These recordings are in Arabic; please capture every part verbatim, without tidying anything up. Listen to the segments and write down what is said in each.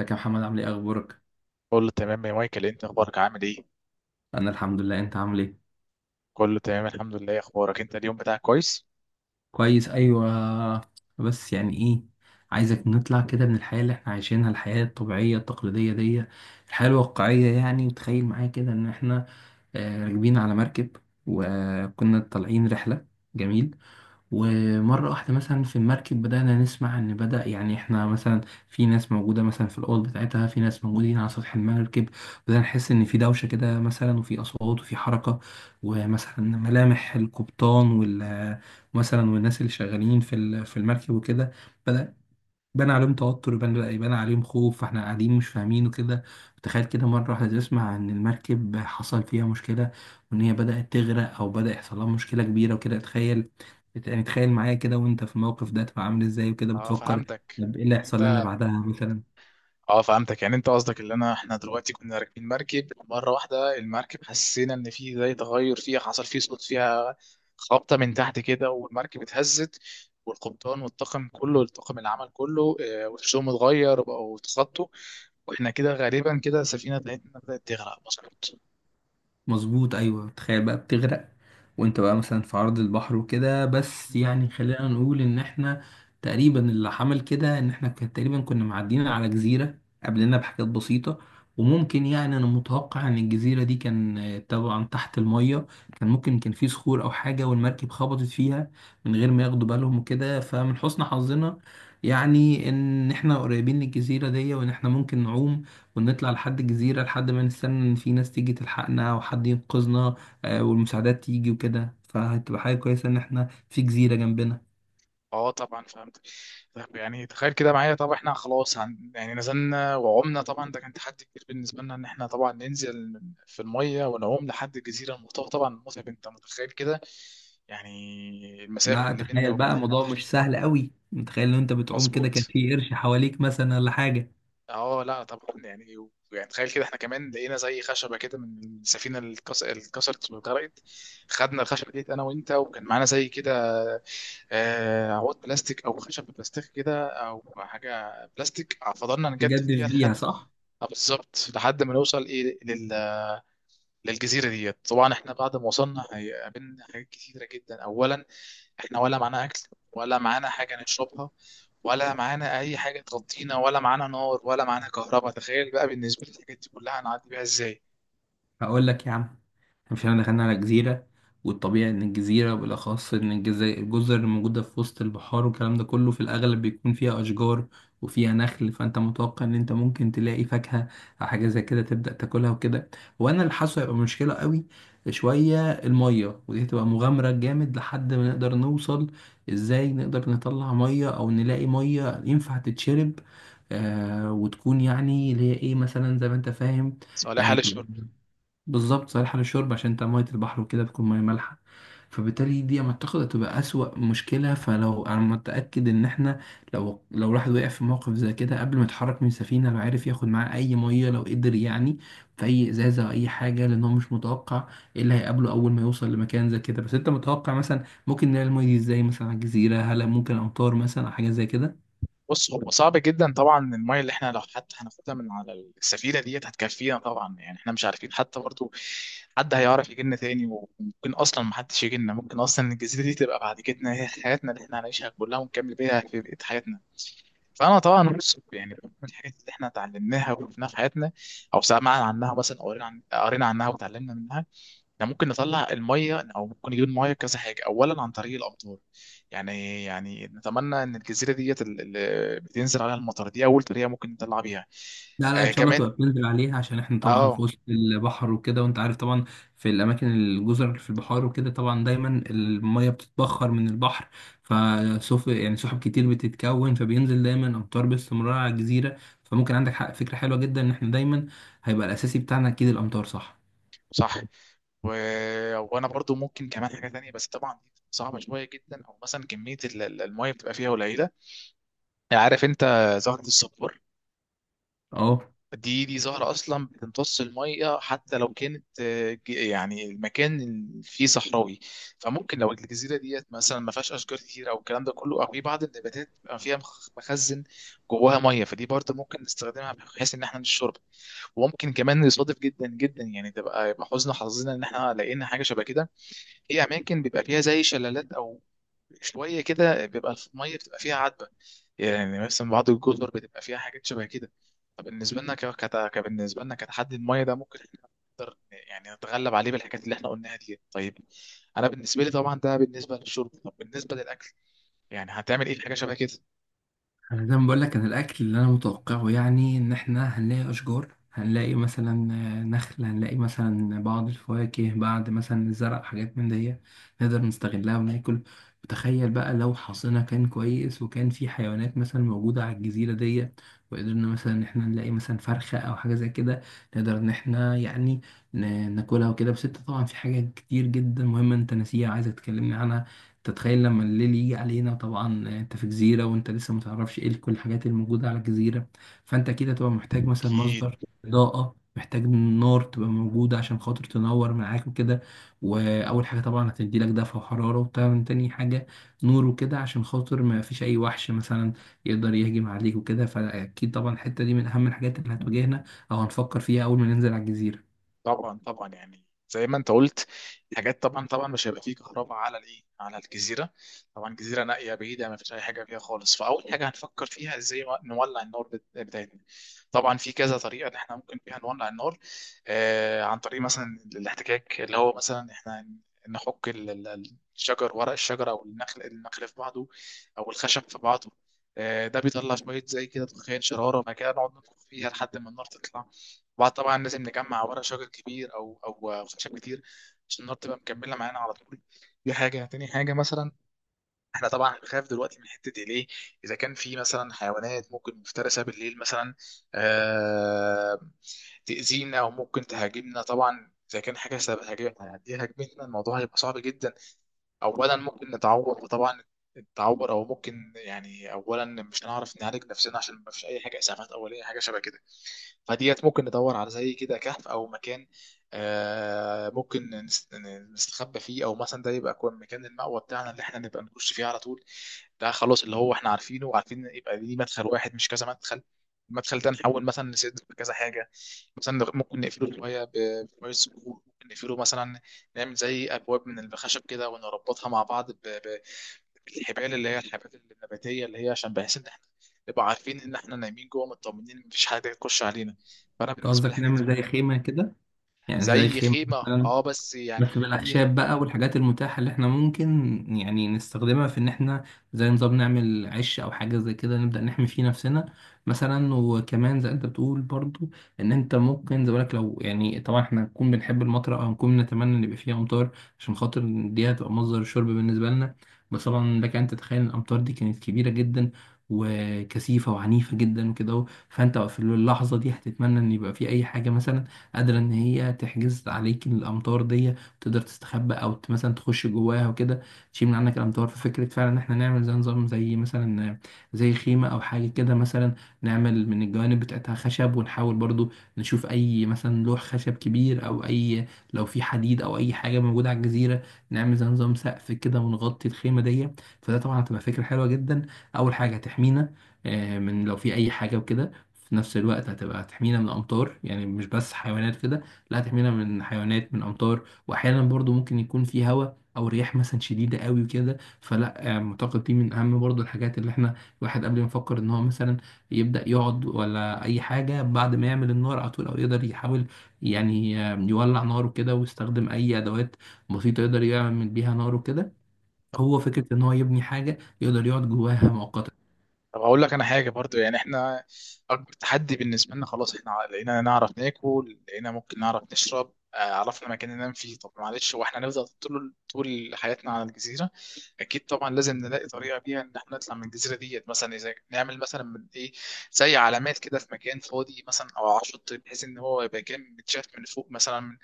ازيك يا محمد؟ عامل ايه؟ اخبارك؟ كله تمام يا مايكل إيه انت اخبارك عامل ايه انا الحمد لله. انت عامل ايه؟ كله تمام الحمد لله اخبارك انت اليوم بتاعك كويس كويس، ايوه. بس يعني ايه، عايزك نطلع كده من الحياه اللي احنا عايشينها، الحياه الطبيعيه التقليديه دي، الحياه الواقعيه يعني. وتخيل معايا كده ان احنا آه، راكبين على مركب وكنا طالعين رحله. جميل. ومرة واحدة مثلا في المركب بدأنا نسمع إن بدأ يعني إحنا مثلا في ناس موجودة مثلا في الأوض بتاعتها، في ناس موجودين على سطح المركب، بدأنا نحس إن في دوشة كده مثلا وفي أصوات وفي حركة، ومثلا ملامح القبطان وال مثلا والناس اللي شغالين في ال- في المركب وكده بدأ بان عليهم توتر، يبان، لا، يبان عليهم خوف، فاحنا قاعدين مش فاهمين وكده. تخيل كده مرة واحدة تسمع ان المركب حصل فيها مشكلة وان هي بدأت تغرق او بدأ يحصل لها مشكلة كبيرة وكده. تخيل، يعني تخيل معايا كده وانت في الموقف ده تبقى عامل ازاي وكده، اه بتفكر فهمتك طب ايه اللي يعني هيحصل لنا انت بعدها مثلا. اه فهمتك، يعني انت قصدك ان انا احنا دلوقتي كنا راكبين مركب، مره واحده المركب حسينا ان في زي تغير فيها، حصل فيه صوت فيها، خبطه من تحت كده والمركب اتهزت. والقبطان والطاقم كله، الطاقم العمل كله اه، وشهم اتغير وبقوا اتخطوا. واحنا كده غالبا كده السفينه بتاعتنا بدات تغرق. مظبوط. مظبوط، ايوه، تخيل بقى بتغرق وانت بقى مثلا في عرض البحر وكده، بس يعني خلينا نقول ان احنا تقريبا اللي حمل كده ان احنا كان تقريبا كنا معديين على جزيرة قبلنا بحاجات بسيطة. وممكن يعني انا متوقع ان الجزيرة دي كان آه، طبعا تحت المية، كان ممكن كان في صخور او حاجة والمركب خبطت فيها من غير ما ياخدوا بالهم وكده. فمن حسن حظنا يعني ان احنا قريبين للجزيرة دي وان احنا ممكن نعوم ونطلع لحد الجزيرة لحد ما نستنى إن في ناس تيجي تلحقنا وحد ينقذنا. آه، والمساعدات تيجي وكده، فهتبقى حاجة كويسة إن إحنا في جزيرة جنبنا. اه طبعا فهمت. طب يعني تخيل كده معايا، طب احنا خلاص هن... يعني نزلنا وعمنا، طبعا ده كان تحدي كبير بالنسبه لنا، ان احنا طبعا ننزل في الميه ونعوم لحد الجزيره المتوسطه، طبعا متعب، انت متخيل كده يعني المسافه لا، اللي بيننا تخيل بقى وبين الموضوع البحر. مش سهل قوي، متخيل لو أنت بتعوم كده كان مظبوط. في قرش حواليك مثلا ولا حاجة، اه لا طبعا، يعني و- يعني تخيل كده احنا كمان لقينا زي خشبه كده من السفينه اللي اتكس- اللي اتكسرت واتغرقت. خدنا الخشبه ديت انا وانت، وكان معانا زي كده آه، عواد بلاستيك او خشب بلاستيك كده او حاجه بلاستيك، فضلنا نجدف تجدف فيها لحد بيها صح؟ آه، بالظبط لحد ما نوصل ايه لل... للجزيره ديت. طبعا احنا بعد ما وصلنا هيقابلنا حاجات كتيره جدا. اولا احنا ولا معانا اكل، ولا معانا حاجه نشربها، ولا معانا اي حاجه تغطينا، ولا معانا نار، ولا معانا كهرباء. تخيل بقى بالنسبه للحاجات دي كلها هنعدي بيها ازاي؟ هقول لك يا عم، مش احنا دخلنا على جزيرة، والطبيعي ان الجزيرة، بالاخص ان الجزي- الجزر الموجودة في وسط البحار والكلام ده كله في الاغلب بيكون فيها اشجار وفيها نخل، فانت متوقع ان انت ممكن تلاقي فاكهة او حاجة زي كده تبدأ تاكلها وكده. وانا اللي حاسه هيبقى مشكلة قوي شوية المية، ودي هتبقى مغامرة جامد لحد ما نقدر نوصل ازاي، نقدر نطلع مية او نلاقي مية ينفع تتشرب آه وتكون يعني اللي هي ايه مثلا زي ما انت فاهم، صالح يعني حال تبقى الشرب. بالظبط صالحة للشرب، عشان انت مية البحر وكده بتكون مية مالحة، فبالتالي دي لما تاخد هتبقى أسوأ مشكلة. فلو أنا متأكد إن إحنا، لو لو الواحد وقع في موقف زي كده قبل ما يتحرك من السفينة، لو عارف ياخد معاه أي مية لو قدر، يعني في أي إزازة أو أي حاجة، لأن هو مش متوقع إيه اللي هيقابله أول ما يوصل لمكان زي كده. بس أنت متوقع مثلا ممكن نلاقي المية دي إزاي مثلا على الجزيرة؟ هل ممكن أمطار مثلا أو حاجة زي كده؟ بص هو صعب جدا طبعا، الميه اللي احنا لو حتى هناخدها من على السفينه ديت هتكفينا طبعا، يعني احنا مش عارفين حتى برضو حد هيعرف يجي لنا تاني. وممكن اصلا محدش يجي لنا، ممكن اصلا الجزيره دي تبقى بعد كده هي حياتنا اللي احنا هنعيشها كلها، ونكمل بيها في بقيه حياتنا. فانا طبعا، بص يعني من الحاجات اللي احنا اتعلمناها وشفناها في حياتنا، او سمعنا عنها مثلا، او قرينا عن- قرينا عنها وتعلمنا منها، احنا ممكن نطلع الميه او ممكن نجيب الميه كذا حاجه. اولا عن طريق الامطار، يعني يعني نتمنى ان الجزيره ديت اللي بتنزل عليها المطر دي اول طريقه ممكن نطلع بيها. لا، لا، ان آه شاء الله كمان. تبقى بننزل عليها، عشان احنا طبعا اه في وسط البحر وكده وانت عارف طبعا في الاماكن الجزر اللي في البحار وكده طبعا دايما الميه بتتبخر من البحر، فسوف يعني سحب كتير بتتكون فبينزل دايما امطار باستمرار على الجزيره. فممكن عندك حق، فكره حلوه جدا ان احنا دايما هيبقى الاساسي بتاعنا اكيد الامطار، صح. صح. و... وانا برضو ممكن كمان حاجه تانية، بس طبعا دي صعبه شويه جدا، او مثلا كميه ال- ال- الميه بتبقى فيها قليله. عارف انت زهره الصبار؟ اه. دي دي زهره اصلا بتمتص الميه حتى لو كانت آه، ج- يعني المكان فيه صحراوي. فممكن لو الجزيره ديت مثلا ما فيهاش اشجار كتير او الكلام ده كله، او في بعض النباتات بيبقى فيها مخ- مخزن جواها ميه، فدي برضو ممكن نستخدمها بحيث ان احنا نشرب. وممكن كمان نصادف جدا جدا، يعني تبقى يبقى حزن حظنا ان احنا لقينا حاجه شبه كده، في اماكن بيبقى فيها زي شلالات، او شويه كده بيبقى الميه بتبقى فيها عذبه، يعني مثلا بعض الجزر بتبقى فيها حاجات شبه كده. فبالنسبه لنا ك... كت... كبالنسبه لنا كتحدي الميه ده ممكن إحنا يعني نتغلب عليه بالحاجات اللي احنا قلناها دي. طيب انا بالنسبه لي طبعا ده بالنسبه للشرب، طب بالنسبه للاكل يعني هتعمل ايه في حاجه شبه كده؟ انا زي ما بقول لك، انا الاكل اللي انا متوقعه يعني ان احنا هنلاقي اشجار، هنلاقي مثلا آه، نخل، هنلاقي مثلا بعض الفواكه بعد مثلا الزرع، حاجات من دي نقدر نستغلها وناكل. وتخيل بقى لو حظنا كان كويس وكان في حيوانات مثلا موجودة على الجزيرة دي، وقدرنا مثلا ان احنا نلاقي مثلا فرخة او حاجة زي كده، نقدر ان احنا يعني ن- ناكلها وكده. بس انت طبعا في حاجات كتير جدا مهمة انت ناسيها عايز تكلمني عنها. تتخيل لما الليل يجي علينا طبعا، آه، انت في جزيرة وانت لسه متعرفش ايه كل الحاجات الموجودة على الجزيرة، فانت اكيد هتبقى محتاج مثلا اكيد. مصدر إضاءة، محتاج نار تبقى موجودة عشان خاطر تنور معاك وكده. وأول حاجة طبعا هتدي لك دفع وحرارة، وطبعا تاني حاجة نور وكده عشان خاطر ما فيش أي وحش مثلا يقدر يهجم عليك وكده. فأكيد طبعا الحتة دي من أهم الحاجات اللي هتواجهنا أو هنفكر فيها أول ما ننزل على الجزيرة. طبعا طبعا، يعني زي ما انت قلت، حاجات طبعا طبعا مش هيبقى فيه كهرباء على الايه، على الجزيره، طبعا جزيره نائيه بعيده ما فيش اي حاجه فيها خالص. فاول حاجه هنفكر فيها ازاي نولع النار بت- بتاعتنا. طبعا في كذا طريقه ان احنا ممكن فيها نولع النار، آه عن طريق مثلا الاحتكاك، اللي هو مثلا احنا نحك ال- ال- الشجر، ورق الشجر او النخل، النخل في بعضه او الخشب في بعضه. آه، ده بيطلع شوية زي كده دخان شرارة، بعد كده نقعد نطبخ فيها لحد ما النار تطلع. وبعد طبعا لازم نجمع ورق شجر كبير او او خشب كتير، عشان النار تبقى مكمله معانا على طول. دي حاجه. تاني حاجه مثلا، احنا طبعا بنخاف دلوقتي من حته ايه ليه؟ اذا كان في مثلا حيوانات ممكن مفترسه بالليل مثلا آه تاذينا او ممكن تهاجمنا. طبعا اذا كان حاجه سبب هاجمتنا الموضوع هيبقى صعب جدا. اولا ممكن نتعور، وطبعا التعور او ممكن يعني اولا مش هنعرف نعالج نفسنا عشان ما فيش اي حاجه اسعافات اوليه حاجه شبه كده. فديت ممكن ندور على زي كده كهف او مكان آه ممكن نس- نستخبى فيه، او مثلا ده يبقى يكون مكان المأوى بتاعنا اللي احنا نبقى نخش فيه على طول. ده خلاص اللي هو احنا عارفينه، وعارفين يبقى ليه مدخل واحد مش كذا مدخل. المدخل ده نحول مثلا نسد كذا حاجه، مثلا ممكن نقفله شويه ب- بشويه صخور، ممكن نقفله مثلا نعمل زي ابواب من الخشب كده ونربطها مع بعض ب- ب- بالحبال اللي هي الحبات النباتيه، اللي هي عشان بحيث ان احنا نبقى عارفين ان احنا نايمين جوه مطمنين إن مفيش حاجه تخش علينا. فانا أنت بالنسبه لي قصدك الحاجات دي نعمل زي كلها. خيمة كده؟ يعني زي زي خيمة خيمه. مثلا، اه بس بس يعني دي. بالأخشاب بقى والحاجات المتاحة اللي احنا ممكن يعني نستخدمها في إن احنا زي نظام نعمل عش أو حاجة زي كده، نبدأ نحمي فيه نفسنا مثلا. وكمان زي أنت بتقول برضو، إن أنت ممكن زي بالك لو، يعني طبعا احنا هنكون بنحب المطر أو هنكون نتمنى إن يبقى فيها أمطار عشان خاطر دي هتبقى مصدر شرب بالنسبة لنا. بس طبعا لك أن تتخيل إن الأمطار دي كانت كبيرة جدا وكثيفة وعنيفة جدا وكده اهو. فأنت في اللحظة دي هتتمنى إن يبقى في أي حاجة مثلا قادرة إن هي تحجز عليك الأمطار دي، تقدر تستخبى او ت- مثلا تخش جواها وكده، تشيل من عنك الامتار. ففكره فعلا ان احنا نعمل زي نظام، زي مثلا زي خيمه او حاجه كده مثلا، نعمل من الجوانب بتاعتها خشب، ونحاول برضو نشوف اي مثلا لوح خشب كبير، او اي لو في حديد او اي حاجه موجوده على الجزيره نعمل زي نظام سقف كده ونغطي الخيمه دي. فده طبعا هتبقى فكره حلوه جدا، اول حاجه هتحمينا آه، من لو في اي حاجه وكده، في نفس الوقت هتبقى هتحمينا من الامطار، يعني مش بس حيوانات كده، لا، هتحمينا من حيوانات، من امطار، واحيانا برضو ممكن يكون في هواء او رياح مثلا شديده قوي وكده. فلا آه، معتقد دي من اهم برضو الحاجات اللي احنا الواحد قبل ما يفكر ان هو مثلا يبدا يقعد ولا اي حاجه بعد ما يعمل النار على طول، او يقدر يحاول يعني آه، يولع ناره كده، ويستخدم اي ادوات بسيطه يقدر يعمل بيها ناره كده، هو فكره ان هو يبني حاجه يقدر يقعد جواها مؤقتا. طب هقول لك انا حاجه برضو، يعني احنا اكبر تحدي بالنسبه لنا، خلاص احنا لقينا نعرف ناكل، لقينا ممكن نعرف نشرب، آه، عرفنا مكان ننام فيه. طب معلش هو احنا هنفضل طول طول حياتنا على الجزيره؟ اكيد طبعا لازم نلاقي طريقه بيها ان احنا نطلع من الجزيره ديت. مثلا اذا نعمل مثلا من ايه، زي علامات كده في مكان فاضي مثلا او على شط، بحيث ان هو يبقى كان متشاف من فوق مثلا.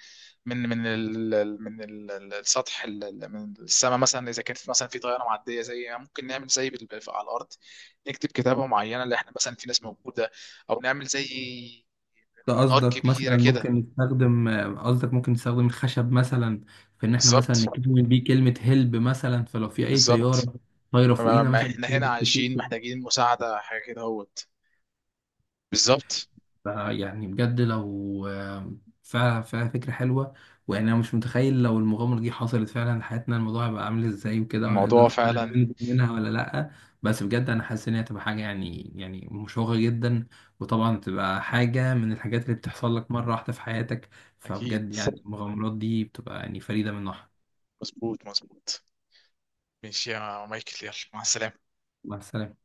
من من ال ال- من ال- ال- السطح ال- ال- من السماء، مثلا اذا كانت مثلا في طياره معديه، زي ممكن نعمل زي بال- في- على الارض نكتب كتابه معينه اللي احنا مثلا في ناس موجوده، او نعمل زي ده نار قصدك كبيره مثلا كده. ممكن نستخدم قصدك ممكن نستخدم الخشب مثلا في ان احنا مثلا بالظبط. نكون بيه كلمة هلب مثلا، فلو في اي بالظبط. طيارة طايرة ما- فوقينا ما- مثلا احنا هنا تقدر عايشين تشوفه. محتاجين مساعده حاجه كده اهوت. بالظبط. فيعني بجد لو آه، فعلا فعلا فكرة حلوة. ويعني أنا مش متخيل لو المغامرة دي حصلت فعلا حياتنا الموضوع هيبقى عامل إزاي وكده، وهنقدر الموضوع فعلا فعلا. ننجو منها ولا لأ. بس بجد أنا حاسس إن هي هتبقى حاجة يعني يعني مشوقة جدا، وطبعا تبقى حاجة من الحاجات اللي بتحصل لك مرة واحدة في حياتك، اكيد. فبجد يعني المغامرات دي بتبقى يعني فريدة من نوعها. مظبوط، مظبوط. ماشي يا مايكل، يلا مع السلامه. مع السلامة.